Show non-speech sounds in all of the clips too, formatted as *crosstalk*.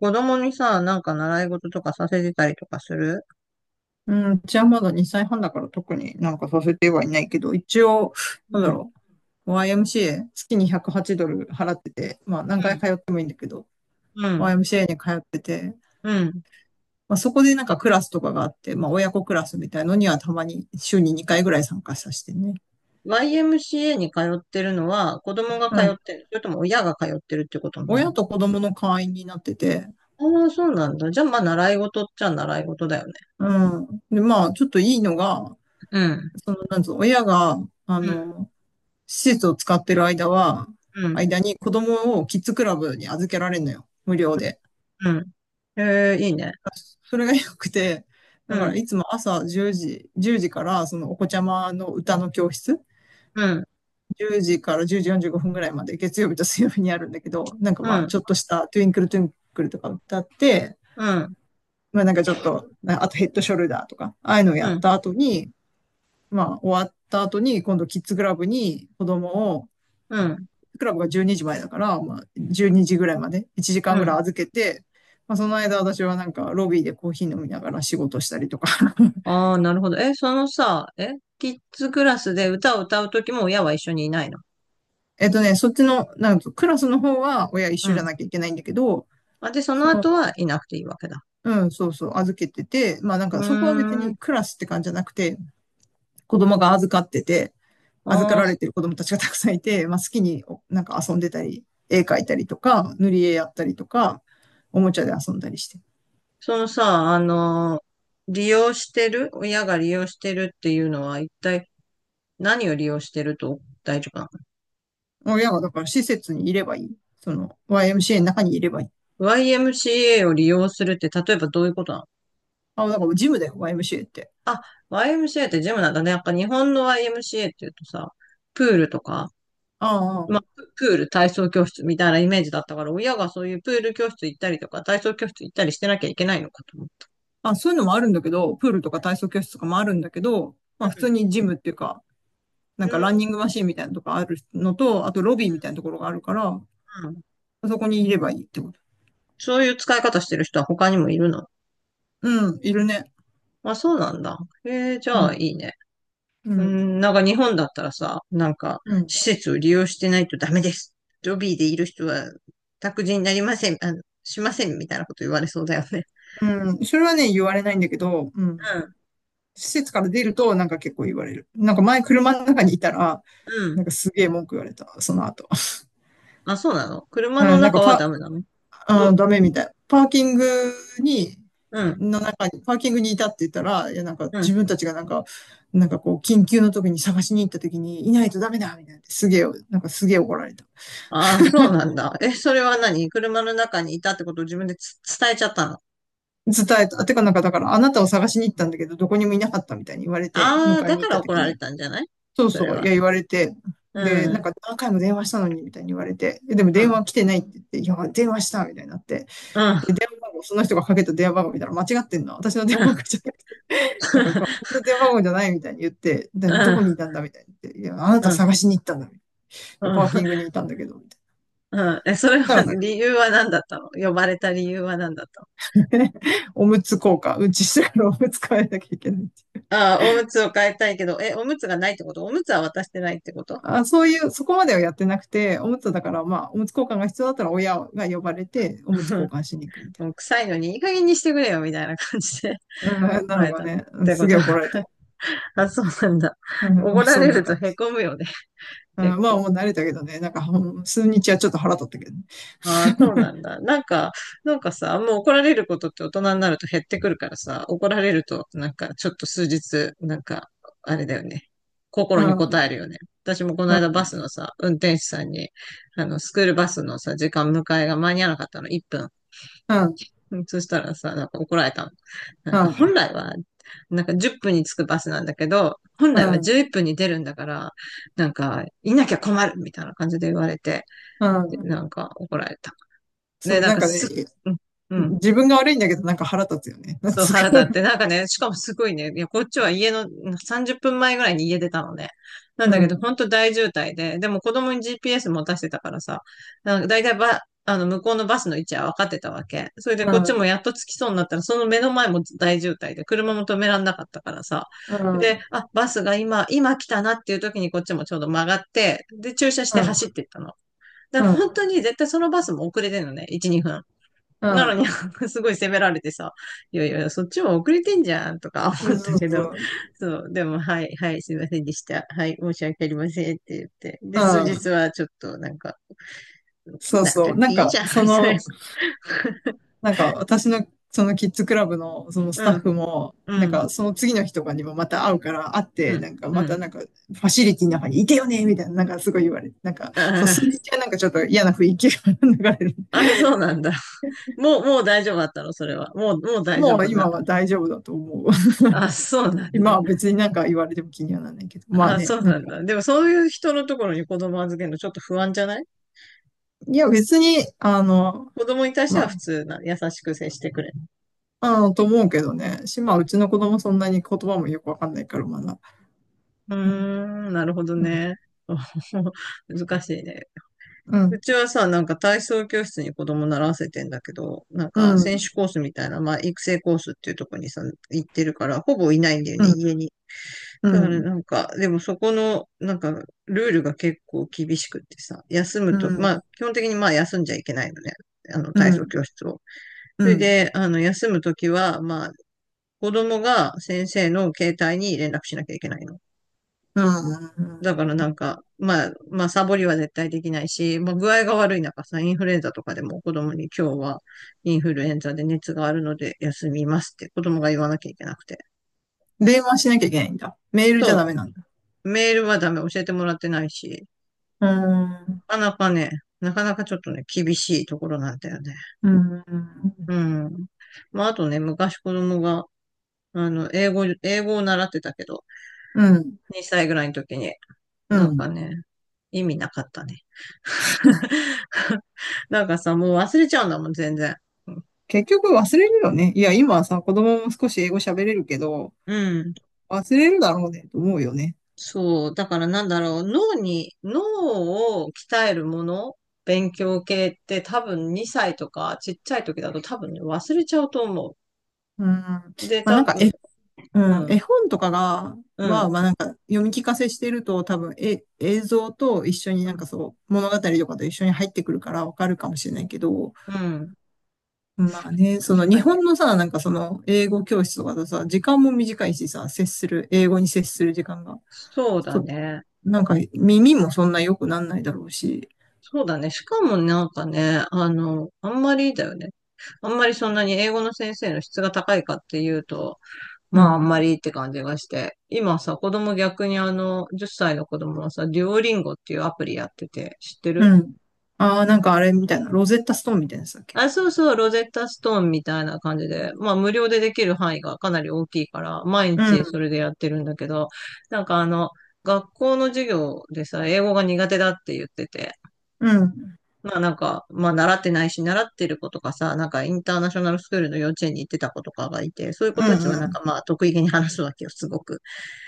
子供にさ、なんか習い事とかさせてたりとかする？うん、うちはまだ2歳半だから特になんかさせてはいないけど、一応、なんうだん。ろう、YMCA、月に108ドル払ってて、まあ何回通ってもいいんだけど、うん。うん。YMCA に通ってて、うん。まあそこでなんかクラスとかがあって、まあ親子クラスみたいのにはたまに週に2回ぐらい参加させてね。YMCA に通ってるのは子供がう通っん。てる。それとも親が通ってるってことになる親の？と子供の会員になってて。ああ、そうなんだ。じゃあまあ習い事っちゃ習い事だよね。うん。で、まあちょっといいのが、うん。その、なんつうの、親が、あうん。の、施設を使ってる間は、うん。間に子供をキッズクラブに預けられるのよ。無料で。うん。ええ、いいね。それが良くて、だうかん。らいつも朝10時、10時からそのお子ちゃまの歌の教室、うん。10時から10時45分ぐらいまで月曜日と水曜日にあるんだけど、なんかうまあん。ちょっとしたトゥインクルトゥインクルとか歌って、うん。まあなんかちょっと、あとヘッドショルダーとか、ああいうのをやうっん。た後に、まあ終わった後に今度キッズクラブに子供を、うん。クラブが12時前だから、まあ、12時ぐらいまで、1時間うぐらん。い預けて、まあ、その間私はなんかロビーでコーヒー飲みながら仕事したりとか。*laughs* ああ、なるほど。え、そのさ、え、キッズクラスで歌を歌うときも親は一緒にいないの？えっとね、そっちの、なんかクラスの方は親一う緒じゃん。なきゃいけないんだけど、あ、で、そのそ後の、はいなくていいわけだ。うん、そうそう、預けてて、まあなんうかそこは別ーにん。クラスって感じじゃなくて、子供が預かってて、預あかあ、られそてる子供たちがたくさんいて、まあ好きに、なんか遊んでたり、絵描いたりとか、塗り絵やったりとか、おもちゃで遊んだりして。そのさ、利用してる、親が利用してるっていうのは一体何を利用してると大丈夫な親がだから施設にいればいい。その YMCA の中にいればいい。の？ YMCA を利用するって例えばどういうことなの？あ、だからジムだよ、YMCA って。あ、YMCA ってジムなんだね。やっぱ日本の YMCA っていうとさ、プールとか、あまあ、プール体操教室みたいなイメージだったから、親がそういうプール教室行ったりとか、体操教室行ったりしてなきゃいけないのかと思う。あ、あ、そういうのもあるんだけど、プールとか体操教室とかもあるんだけど、まあ普通にジムっていうか、うなんん。かランニングマシーンみたいなとかあるのと、あとロビーみたいなところがあるから、うん。そこにいればいいってこと。そういう使い方してる人は他にもいるの？うん、いるね。あ、そうなんだ。へえ、じうゃあいん、いね。ううん、ん、なんか日本だったらさ、なんかうん、施設を利用してないとダメです。ロビーでいる人は託児になりません、しませんみたいなこと言われそうだよね。うん。それはね、言われないんだけど。うん。う施設から出ると、なんか結構言われる。なんか前車の中にいたら、ん、うなん。んかすげえ文句言われた、その後。あ、そうなの？車のうん、なん中かはパダメなの？あど、ー、ダメみたい。に、うん、パーキングにいたって言ったら、いや、なんかうん。自分たちがなんか、なんかこう、緊急の時に探しに行った時に、いないとダメだみたいな。すげえ、なんかすげえ怒られた。ああ、そうなんだ。え、それは何？車の中にいたってことを自分で伝えちゃったの？伝えた。てかなんかだから、あなたを探しに行ったんだけど、どこにもいなかったみたいに言われて、ああ、迎えだにか行っらた怒時られに。たんじゃない？そうそれそう、いは。や、言われて。うで、ん、なんうか何回も電話したのに、みたいに言われて。え、でも電ん、話来てないって言って、いや、電話した、みたいになって。うん、うん、で、電話番号、その人がかけた電話番号見たら間違ってんの。私の電話がかけうちゃって。なんか、この電話番号じゃないみたいに言って、で、どこにいん、たんだみたいに言って、いや、あなたうん、探しに行ったんだみたいな。うん。パーキングにいたんだけど、みたいうん。え、それな。たは、らなんか、理由は何だったの？呼ばれた理由は何だったの？おむつ交換、うんちしてからおむつ変えなきゃいけない。ああ、おむつを変えたいけど、え、おむつがないってこと？おむつは渡してないってこと？ あ、そういう、そこまではやってなくて、おむつだから、まあ、おむつ交換が必要だったら親が呼ばれて、おむつ交 *laughs* 換しに行くみたいもう臭いのにいい加減にしてくれよ、みたいな感じで な。うん、*laughs* な捉のえがたっね、うんてすこげとえな怒のられか。て。*laughs* あ、そうなんだ。うん、おまごあ、らそんれなると感じ。凹むよね、う結ん、まあ、構。もう慣れたけどね、なんか、うん、数日はちょっと腹立ったけどね。ああ、そうなん *laughs* だ。なんか、なんかさ、もう怒られることって大人になると減ってくるからさ、怒られると、なんか、ちょっと数日、なんか、あれだよね。う心にん、応うん、えるよね。私もこの間バスのさ、運転手さんに、スクールバスのさ、時間迎えが間に合わなかったの、1分。うん、うん。そしたらさ、なんか怒られたの。なんか本来は、なんか10分に着くバスなんだけど、本う来はん、11分に出るんだから、なんか、いなきゃ困るみたいな感じで言われて、うでん。なんか怒られた。そね、う、なんなんかかね、うん、うん。自分が悪いんだけどなんか腹立つよね。なんそう、つ腹立うか。って。なんかね、しかもすごいね、いや、こっちは家の、うん、30分前ぐらいに家出たのね。なんうだけど、ん、ほんと大渋滞で、でも子供に GPS 持たせてたからさ、なんか大体向こうのバスの位置は分かってたわけ。それでうこっちん、もやっと着きそうになったら、その目の前も大渋滞で、車も止めらんなかったからさ。うで、ん、あ、バスが今来たなっていう時にこっちもちょうど曲がって、で、駐車しうてん、走っていったの。だからうん、本当に絶対そのバスも遅れてるのね、1、2分。うなのん。に、*laughs* すごい責められてさ、いやいや、そっちも遅れてんじゃんとか *laughs* そ思ったうけそど、う。そう、でも、はい、はい、すいませんでした。はい、申し訳ありませんって言って。で、う数日ん。はちょっとなんか、来そうなくそう。てなんいいか、じゃん、そみたいな。の、*laughs* なんか私のそのキッズクラブのそのスうタッん、フも、うなんん、かその次の日とかにもまた会うから会っうて、ん、なんかうまん。たなんかファシリティの中にいてよねみたいな、なんかすごい言われて、なんか、あそう、数ー 日はなんかちょっと嫌な雰囲気が流れる。*laughs* あ、そうなんだ。もう、もう大丈夫だったの、それは？もう、もう大丈もう夫になっ今た。は大丈夫だと思う。*laughs* あ、そうなん今だ。は別になんか言われても気にはならないけど、まああ、ね、そうなんなんかだ。でも、そういう人のところに子供預けるのちょっと不安じゃない？いや、別に、あの、子供に対してはま普通な、優しく接してくれ？あ、あの、と思うけどね。し、まあ、うちの子供そんなに言葉もよくわかんないから、まだ。うーうん、ん、なるほどうん、ね。*laughs* 難しいね。ううん、ちはさ、なんか体操教室に子供習わせてんだけど、なんうか選手ん、コースみたいな、まあ育成コースっていうとこにさ、行ってるから、ほぼいないんだようね、ん、家に。うだからん、なんか、でもそこの、なんか、ルールが結構厳しくってさ、休うむと、まん、あ基本的にまあ休んじゃいけないのね、あのう体操ん、教室を。うそれん、で、休むときは、まあ、子供が先生の携帯に連絡しなきゃいけないの。うん。だからなんか、まあ、まあ、サボりは絶対できないし、まあ、具合が悪い中さ、インフルエンザとかでも子供に今日はインフルエンザで熱があるので休みますって子供が言わなきゃいけなくて。電話しなきゃいけないんだ。メールじゃダそメなんだ。う、メールはダメ、教えてもらってないし、うーん、なかなかね、なかなかちょっとね、厳しいところなんだよね。うん、うん。まあ、あとね、昔子供が、英語を習ってたけど、うん、2歳ぐらいの時に、うなんん。かね、意味なかったね。*laughs* なんかさ、もう忘れちゃうんだもん、全然。結局忘れるよね。いや、今はさ、子供も少し英語喋れるけど、うん。忘れるだろうね、と思うよね。そう。だからなんだろう。脳を鍛えるもの、勉強系って多分2歳とかちっちゃい時だと多分ね、忘れちゃうと思うん。まう。で、あ、なん多か分、ううん、ん、絵本とかが、うは、ん、まあなんか読み聞かせしてると多分、え、映像と一緒にうなんかん。そう、物語とかと一緒に入ってくるからわかるかもしれないけど、うん。まあね、そ確の日かに。本のさ、なんかその英語教室とかだとさ、時間も短いしさ、接する、英語に接する時間が、そうだと、ね。なんか耳もそんな良くなんないだろうし。そうだね。しかもなんかね、あんまりだよね。あんまりそんなに英語の先生の質が高いかっていうと、うまあ、あんまん、りって感じがして。今さ、子供逆に10歳の子供はさ、デュオリンゴっていうアプリやってて、知ってうる？ん。ああ、なんかあれみたいな、ロゼッタストーンみたいなやつだっけ？あ、そうそう、ロゼッタストーンみたいな感じで、まあ、無料でできる範囲がかなり大きいから、毎う日そん、れでやってるんだけど、なんか学校の授業でさ、英語が苦手だって言ってて、うん、うん、まあなんか、まあ習ってないし、習ってる子とかさ、なんかインターナショナルスクールの幼稚園に行ってた子とかがいて、そういうう子たちはなんかん、まあ得意げに話すわけよ、すごく。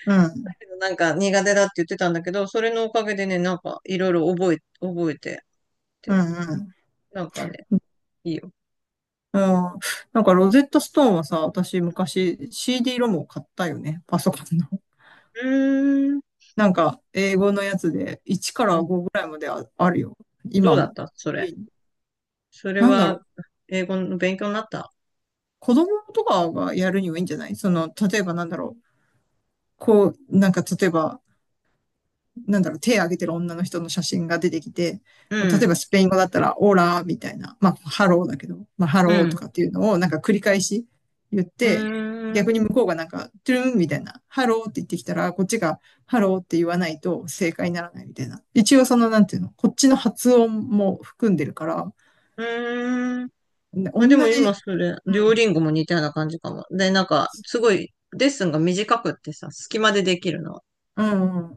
うん、なんか苦手だって言ってたんだけど、それのおかげでね、なんかいろいろ覚えてうて、ん、うん。なんかね、いいよ。うん。なんかロゼットストーンはさ、私昔 CD ロムを買ったよね。パソコンの。*laughs* うーん。なんか英語のやつで1かうらん。5ぐらいまであるよ。どう今だも。ったそれ。家に、それなんだろは、う。英語の勉強になった？子供とかがやるにはいいんじゃない、その、例えばなんだろう。こう、なんか例えばなんだろう、手を挙げてる女の人の写真が出てきて、うまあ例えん。ばスペイン語だったら、オーラーみたいな、まあ、ハローだけど、まあ、ハうローとん。かっていうのをなんか繰り返し言っうて、ーん。逆に向こうがなんか、トゥルンみたいな、ハローって言ってきたら、こっちがハローって言わないと正解にならないみたいな。一応その、なんていうの、こっちの発音も含んでるから、うーん。ね、同まあでもじ。今それ、う両ん、リンゴも似たような感じかも。で、なんか、すごい、レッスンが短くってさ、隙間でできるの。う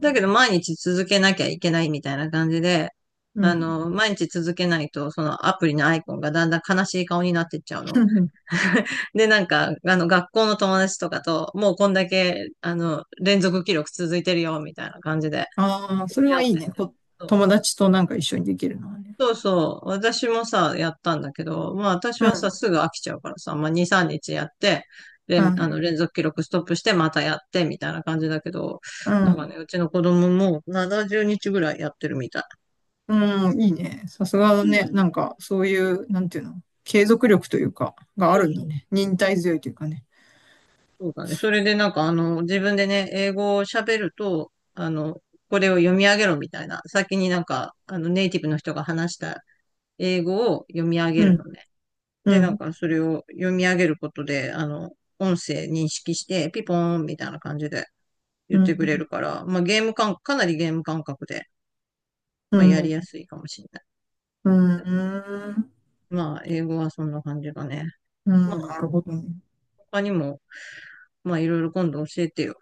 だけど毎日続けなきゃいけないみたいな感じで、うん、うん。毎日続けないと、そのアプリのアイコンがだんだん悲しい顔になってっちゃうの。*laughs* *laughs* で、なんか、学校の友達とかと、もうこんだけ、連続記録続いてるよ、みたいな感じで、ああ、それやはっいいてて。ね。そ友う達となんか一緒にできるのはね。そうそう。私もさ、やったんだけど、まあ私うはさ、ん、すぐ飽きちゃうからさ、まあ2、3日やって、う連、あの、ん、連続記録ストップして、またやって、みたいな感じだけど、うだからね、ん。うちの子供も70日ぐらいやってるみたい。うん、いいね。さすがだそうなね。の？なんか、そういう、なんていうの、継続力というか、があそうるんそだう、ね。忍耐強いというかね。そうだね。それでなんか自分でね、英語を喋ると、これを読み上げろみたいな、先になんか、ネイティブの人が話した英語を読み上げうるのん、ね。で、うなんん、かそれを読み上げることで、音声認識して、ピポーンみたいな感じでう言ってくれん、るから、まあゲーム感、かなりゲーム感覚で、うまあやん、うりん、やすいかもしれない。うん、まあ英語はそんな感じだね。うまん、あなるほどね。他にも、まあいろいろ今度教えてよ。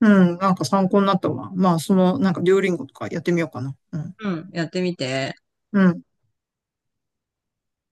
うん、なんか参考になったわ。まあ、その、なんか、デュオリンゴとかやってみようかな。うん、うん、やってみて。うん。